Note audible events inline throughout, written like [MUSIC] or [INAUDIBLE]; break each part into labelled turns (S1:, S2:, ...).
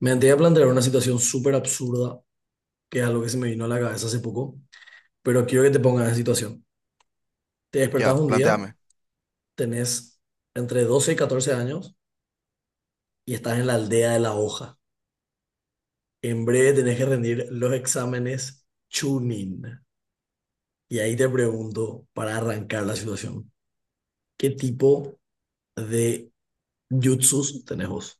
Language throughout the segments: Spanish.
S1: Me antes a plantear una situación súper absurda, que es algo que se me vino a la cabeza hace poco, pero quiero que te pongas en situación. Te
S2: Ya,
S1: despertás un día,
S2: planteame.
S1: tenés entre 12 y 14 años y estás en la aldea de la hoja. En breve tenés que rendir los exámenes Chunin. Y ahí te pregunto, para arrancar la situación, ¿qué tipo de jutsus tenés vos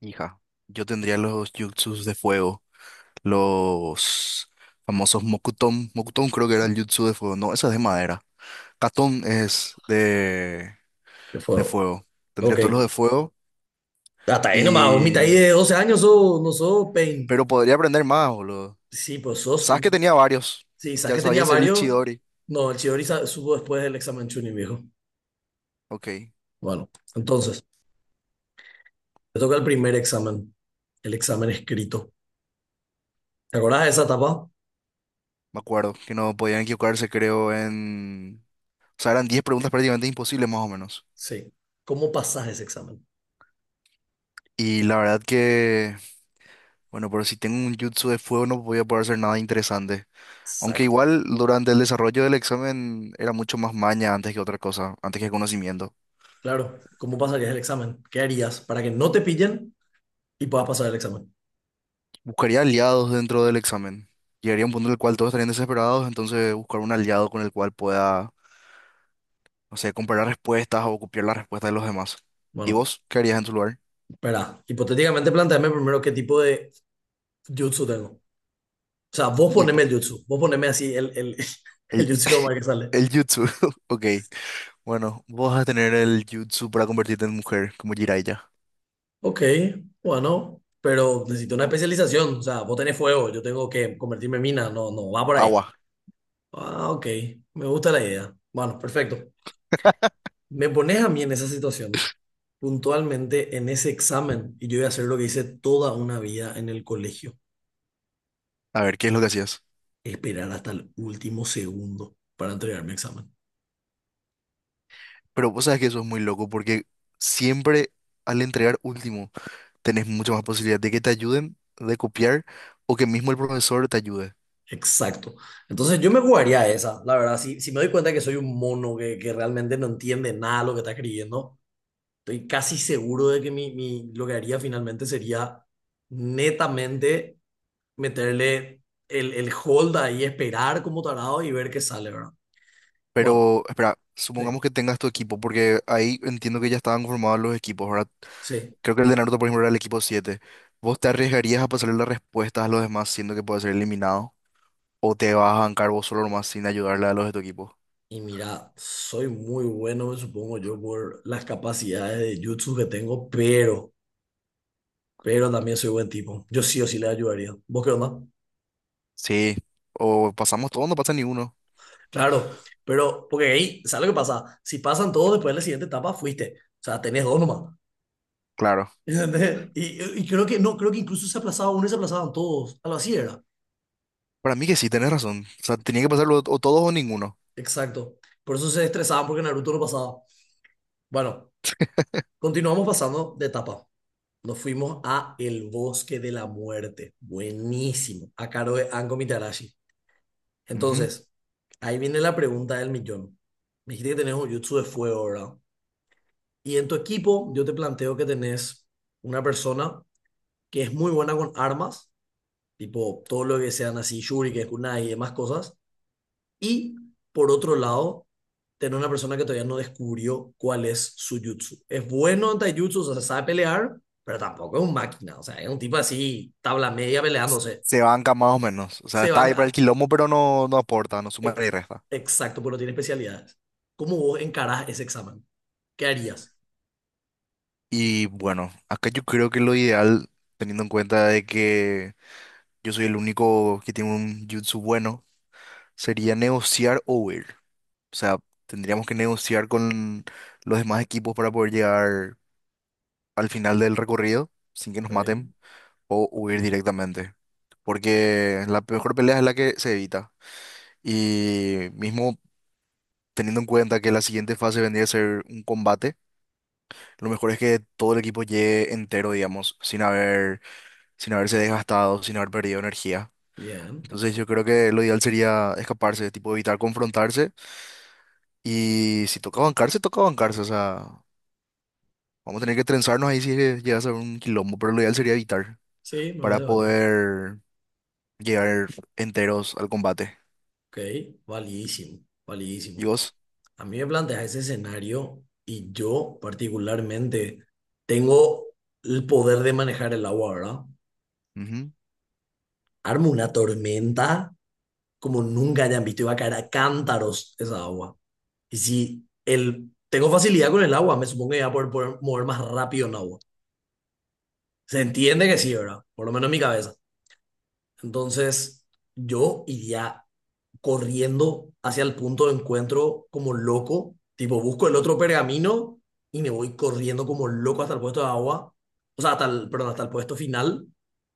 S2: Hija, yo tendría los jutsus de fuego, los famosos Mokuton. Mokuton creo que era el jutsu de fuego. No, esa es de madera. Katon es
S1: de
S2: de
S1: fuego?
S2: fuego. Tendría
S1: Ok,
S2: todos los de fuego
S1: hasta ahí nomás, vos mitad ahí
S2: y...
S1: de 12 años sos, no sos Pain.
S2: Pero podría aprender más, boludo.
S1: Sí, pues sos
S2: Sabes que
S1: un.
S2: tenía varios.
S1: Sí,
S2: Ya
S1: saqué
S2: sabía
S1: tenía
S2: hacer el
S1: varios.
S2: Chidori.
S1: No, el subo después del examen Chunin, viejo.
S2: Ok, me
S1: Bueno, entonces, te toca el primer examen, el examen escrito. ¿Te acordás de esa etapa?
S2: acuerdo que no podían equivocarse, creo, en... O sea, eran 10 preguntas prácticamente imposibles, más o menos.
S1: Sí. ¿Cómo pasás ese examen?
S2: Y la verdad que... Bueno, pero si tengo un jutsu de fuego no voy a poder hacer nada interesante. Aunque
S1: Exacto.
S2: igual durante el desarrollo del examen era mucho más maña antes que otra cosa, antes que conocimiento.
S1: Claro, ¿cómo pasarías el examen? ¿Qué harías para que no te pillen y puedas pasar el examen?
S2: Buscaría aliados dentro del examen. Llegaría a un punto en el cual todos estarían desesperados, entonces buscar un aliado con el cual pueda, no sé, comparar respuestas o copiar las respuestas de los demás. ¿Y
S1: Bueno,
S2: vos qué harías en tu lugar?
S1: espera, hipotéticamente planteame primero qué tipo de jutsu tengo. O sea, vos
S2: Y
S1: poneme
S2: po-
S1: el jutsu, vos poneme así [LAUGHS] el
S2: el,
S1: jutsu de Omar que sale.
S2: el jutsu. [LAUGHS] Ok. Bueno, vos vas a tener el jutsu para convertirte en mujer, como Jiraiya.
S1: Ok, bueno, pero necesito una especialización. O sea, vos tenés fuego, yo tengo que convertirme en mina. No, no, va por ahí.
S2: Agua.
S1: Ah, ok, me gusta la idea. Bueno, perfecto. Me pones a mí en esa situación, puntualmente en ese examen, y yo voy a hacer lo que hice toda una vida en el colegio,
S2: A ver, ¿qué es lo que hacías?
S1: esperar hasta el último segundo para entregar mi examen.
S2: Pero vos sabes que eso es muy loco porque siempre al entregar último tenés mucha más posibilidad de que te ayuden, de copiar o que mismo el profesor te ayude.
S1: Exacto. Entonces yo me jugaría a esa, la verdad. Si, si me doy cuenta que soy un mono que realmente no entiende nada de lo que está escribiendo. Estoy casi seguro de que lo que haría finalmente sería netamente meterle el hold ahí, esperar como tarado y ver qué sale, ¿verdad? Bueno,
S2: Pero espera,
S1: sí,
S2: supongamos que tengas tu equipo porque ahí entiendo que ya estaban conformados los equipos, ¿verdad?
S1: sí.
S2: Creo que el de Naruto, por ejemplo, era el equipo siete. ¿Vos te arriesgarías a pasarle las respuestas a los demás siendo que puede ser eliminado? ¿O te vas a bancar vos solo nomás sin ayudarle a los de tu equipo?
S1: Y mira, soy muy bueno, me supongo yo, por las capacidades de jutsu que tengo, pero también soy buen tipo. Yo sí o sí le ayudaría. ¿Vos qué onda?
S2: Sí, o pasamos todos, no pasa ni uno.
S1: Claro, pero porque ahí, ¿sabes lo que pasa? Si pasan todos, después de la siguiente etapa fuiste. O sea, tenés dos nomás.
S2: Claro,
S1: ¿Entendés? Y creo que no, creo que incluso se aplazaba uno y se aplazaban todos. Algo así era.
S2: para mí que sí, tenés razón. O sea, tenía que pasarlo o todos o ninguno.
S1: Exacto. Por eso se estresaban porque Naruto no pasaba. Bueno, continuamos pasando de etapa. Nos fuimos a El Bosque de la Muerte. Buenísimo. A cargo de Anko Mitarashi.
S2: Ujú.
S1: Entonces, ahí viene la pregunta del millón. Me dijiste que tenés un jutsu de fuego, ¿verdad? Y en tu equipo, yo te planteo que tenés una persona que es muy buena con armas, tipo todo lo que sean así, shurikens, kunai y demás cosas. Y por otro lado, tener una persona que todavía no descubrió cuál es su jutsu. Es bueno en taijutsu, o sea, sabe pelear, pero tampoco es un máquina. O sea, es un tipo así, tabla media peleándose.
S2: Se banca más o menos. O sea,
S1: Se
S2: está ahí para el
S1: banca.
S2: quilombo, pero no, no aporta, no suma ni
S1: Ex-
S2: resta.
S1: Exacto, pero tiene especialidades. ¿Cómo vos encarás ese examen? ¿Qué harías?
S2: Y bueno, acá yo creo que lo ideal, teniendo en cuenta de que yo soy el único que tiene un jutsu bueno, sería negociar o huir. O sea, tendríamos que negociar con los demás equipos para poder llegar al final del recorrido sin que
S1: Ok,
S2: nos maten. O huir directamente. Porque la mejor pelea es la que se evita. Y mismo teniendo en cuenta que la siguiente fase vendría a ser un combate, lo mejor es que todo el equipo llegue entero, digamos, sin haberse desgastado, sin haber perdido energía.
S1: bien.
S2: Entonces yo creo que lo ideal sería escaparse, tipo evitar confrontarse. Y si toca bancarse, toca bancarse. O sea, vamos a tener que trenzarnos ahí si llega a ser un quilombo, pero lo ideal sería evitar
S1: Sí, me
S2: para
S1: parece válido.
S2: poder llegar enteros al combate.
S1: Ok, validísimo,
S2: ¿Y
S1: validísimo.
S2: vos?
S1: A mí me planteas ese escenario y yo particularmente tengo el poder de manejar el agua, ¿verdad?
S2: Ujú.
S1: Armo una tormenta como nunca hayan visto, iba a caer a cántaros esa agua. Y si el, tengo facilidad con el agua, me supongo que iba a poder, mover más rápido en agua. Se entiende que sí, ¿verdad? Por lo menos en mi cabeza. Entonces, yo iría corriendo hacia el punto de encuentro como loco. Tipo, busco el otro pergamino y me voy corriendo como loco hasta el puesto de agua. O sea, hasta el, perdón, hasta el puesto final,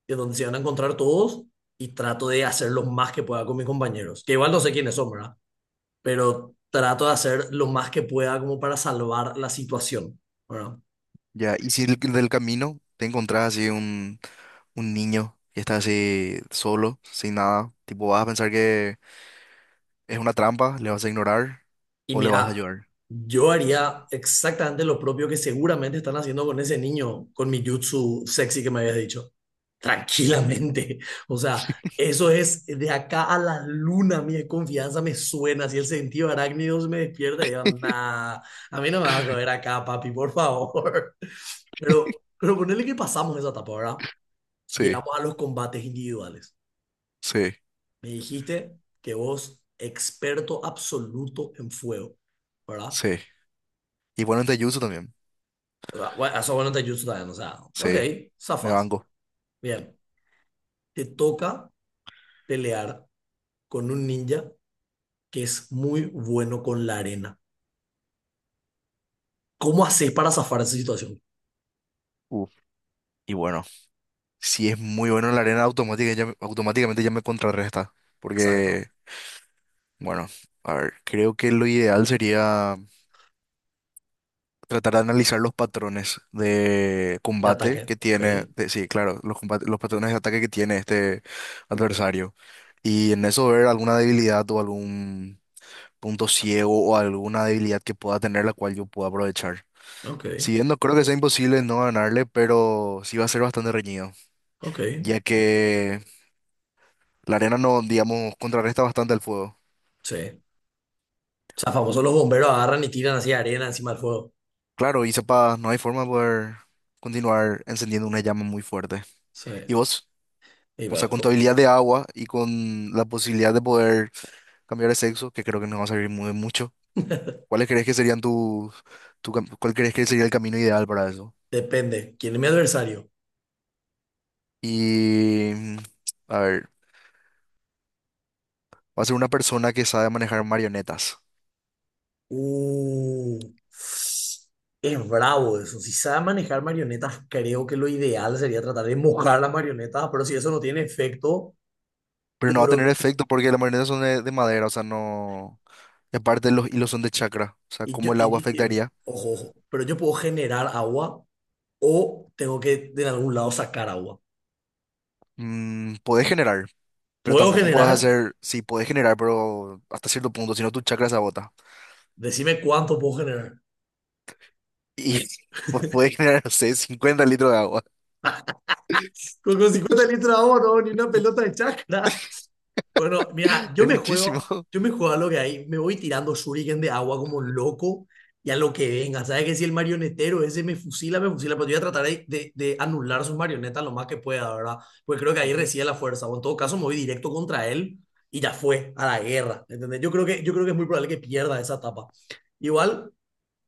S1: que es donde se van a encontrar todos. Y trato de hacer lo más que pueda con mis compañeros. Que igual no sé quiénes son, ¿verdad? Pero trato de hacer lo más que pueda como para salvar la situación. ¿Verdad?
S2: Ya, y si del camino te encontrás así un niño que está así solo, sin nada, tipo vas a pensar que es una trampa, ¿le vas a ignorar
S1: Y
S2: o le vas a
S1: mira,
S2: ayudar?
S1: yo haría exactamente lo propio que seguramente están haciendo con ese niño, con mi jutsu sexy que me habías dicho.
S2: Ujú.
S1: Tranquilamente. [LAUGHS] O sea, eso es de acá a la luna. Mi confianza me suena. Si el sentido arácnido se me despierta, y yo, nah, a mí no me va a coger acá, papi, por favor. [LAUGHS] Pero ponele que pasamos esa etapa, ¿verdad?
S2: Sí,
S1: Llegamos a los combates individuales.
S2: sí,
S1: Me dijiste que vos, experto absoluto en fuego, ¿verdad?
S2: sí. Y bueno, en Tejutsu también.
S1: O sea, bueno, eso bueno te ayuda, también o sea, ok,
S2: Sí, me
S1: zafas,
S2: banco.
S1: bien. Te toca pelear con un ninja que es muy bueno con la arena. ¿Cómo haces para zafar esa situación?
S2: Uf, y bueno, si es muy bueno en la arena automática, ya, automáticamente ya me contrarresta.
S1: Exacto.
S2: Porque, bueno, a ver, creo que lo ideal sería tratar de analizar los patrones de
S1: De ataque.
S2: combate que
S1: Ok,
S2: tiene, sí, claro, los patrones de ataque que tiene este adversario. Y en eso ver alguna debilidad o algún punto ciego o alguna debilidad que pueda tener la cual yo pueda aprovechar.
S1: ok,
S2: Si bien no creo que sea imposible no ganarle, pero sí va a ser bastante reñido,
S1: ok.
S2: ya que la arena no, digamos, contrarresta bastante el fuego.
S1: Sí. O sea, famosos los bomberos agarran y tiran así arena encima del fuego.
S2: Claro, y sepa, no hay forma de poder continuar encendiendo una llama muy fuerte. ¿Y
S1: Sí.
S2: vos?
S1: Y
S2: O sea,
S1: va,
S2: con tu
S1: co-,
S2: de agua y con la posibilidad de poder cambiar de sexo, que creo que nos va a servir muy mucho. ¿Cuáles crees que serían cuál crees que sería el camino ideal para eso?
S1: depende. ¿Quién es mi adversario?
S2: Y, mm, a ver, va a ser una persona que sabe manejar marionetas,
S1: Uh, es bravo eso. Si sabe manejar marionetas, creo que lo ideal sería tratar de mojar las marionetas, pero si eso no tiene efecto,
S2: pero
S1: yo
S2: no va a tener
S1: creo,
S2: efecto porque las marionetas son de madera, o sea, no... Y aparte los hilos son de chakra, o sea,
S1: y yo-
S2: ¿cómo el agua
S1: y- y-
S2: afectaría?
S1: ojo, ojo, pero yo puedo generar agua o tengo que de algún lado sacar agua.
S2: Mm, podés generar, pero
S1: ¿Puedo
S2: tampoco podés
S1: generar?
S2: hacer, sí, podés generar, pero hasta cierto punto, si no tu chakra se agota.
S1: Decime cuánto puedo generar.
S2: Y [LAUGHS] puede generar, no sé, 50 litros de agua.
S1: Con 50 litros de agua no, ni una
S2: [LAUGHS]
S1: pelota de chakra. Bueno, mira,
S2: Es muchísimo.
S1: yo me juego a lo que hay, me voy tirando shuriken de agua como loco y a lo que venga. Sabes que si el marionetero ese me fusila, pero yo voy a tratar de anular sus marionetas lo más que pueda, ¿verdad? Porque creo que ahí
S2: Ujú.
S1: reside la fuerza, o en todo caso me voy directo contra él y ya fue, a la guerra, ¿entendés? Yo creo que es muy probable que pierda esa etapa. Igual,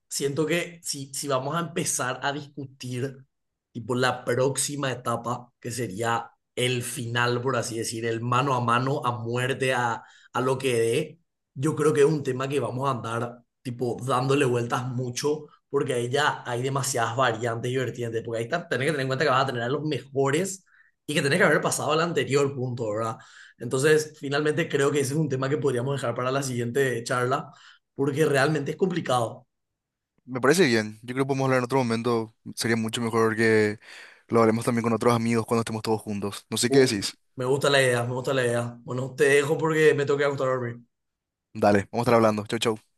S1: siento que si vamos a empezar a discutir tipo la próxima etapa, que sería el final, por así decir, el mano a mano, a muerte, a lo que dé, yo creo que es un tema que vamos a andar tipo dándole vueltas mucho, porque ahí ya hay demasiadas variantes y vertientes, porque ahí está, tenés que tener en cuenta que vas a tener a los mejores y que tenés que haber pasado al anterior punto, ¿verdad? Entonces, finalmente creo que ese es un tema que podríamos dejar para la siguiente charla, porque realmente es complicado.
S2: Me parece bien. Yo creo que podemos hablar en otro momento. Sería mucho mejor que lo hablemos también con otros amigos cuando estemos todos juntos. No sé qué
S1: Uh,
S2: decís.
S1: me gusta la idea, me gusta la idea. Bueno, te dejo porque me tengo que acostar a dormir.
S2: Dale, vamos a estar hablando. Chau, chau.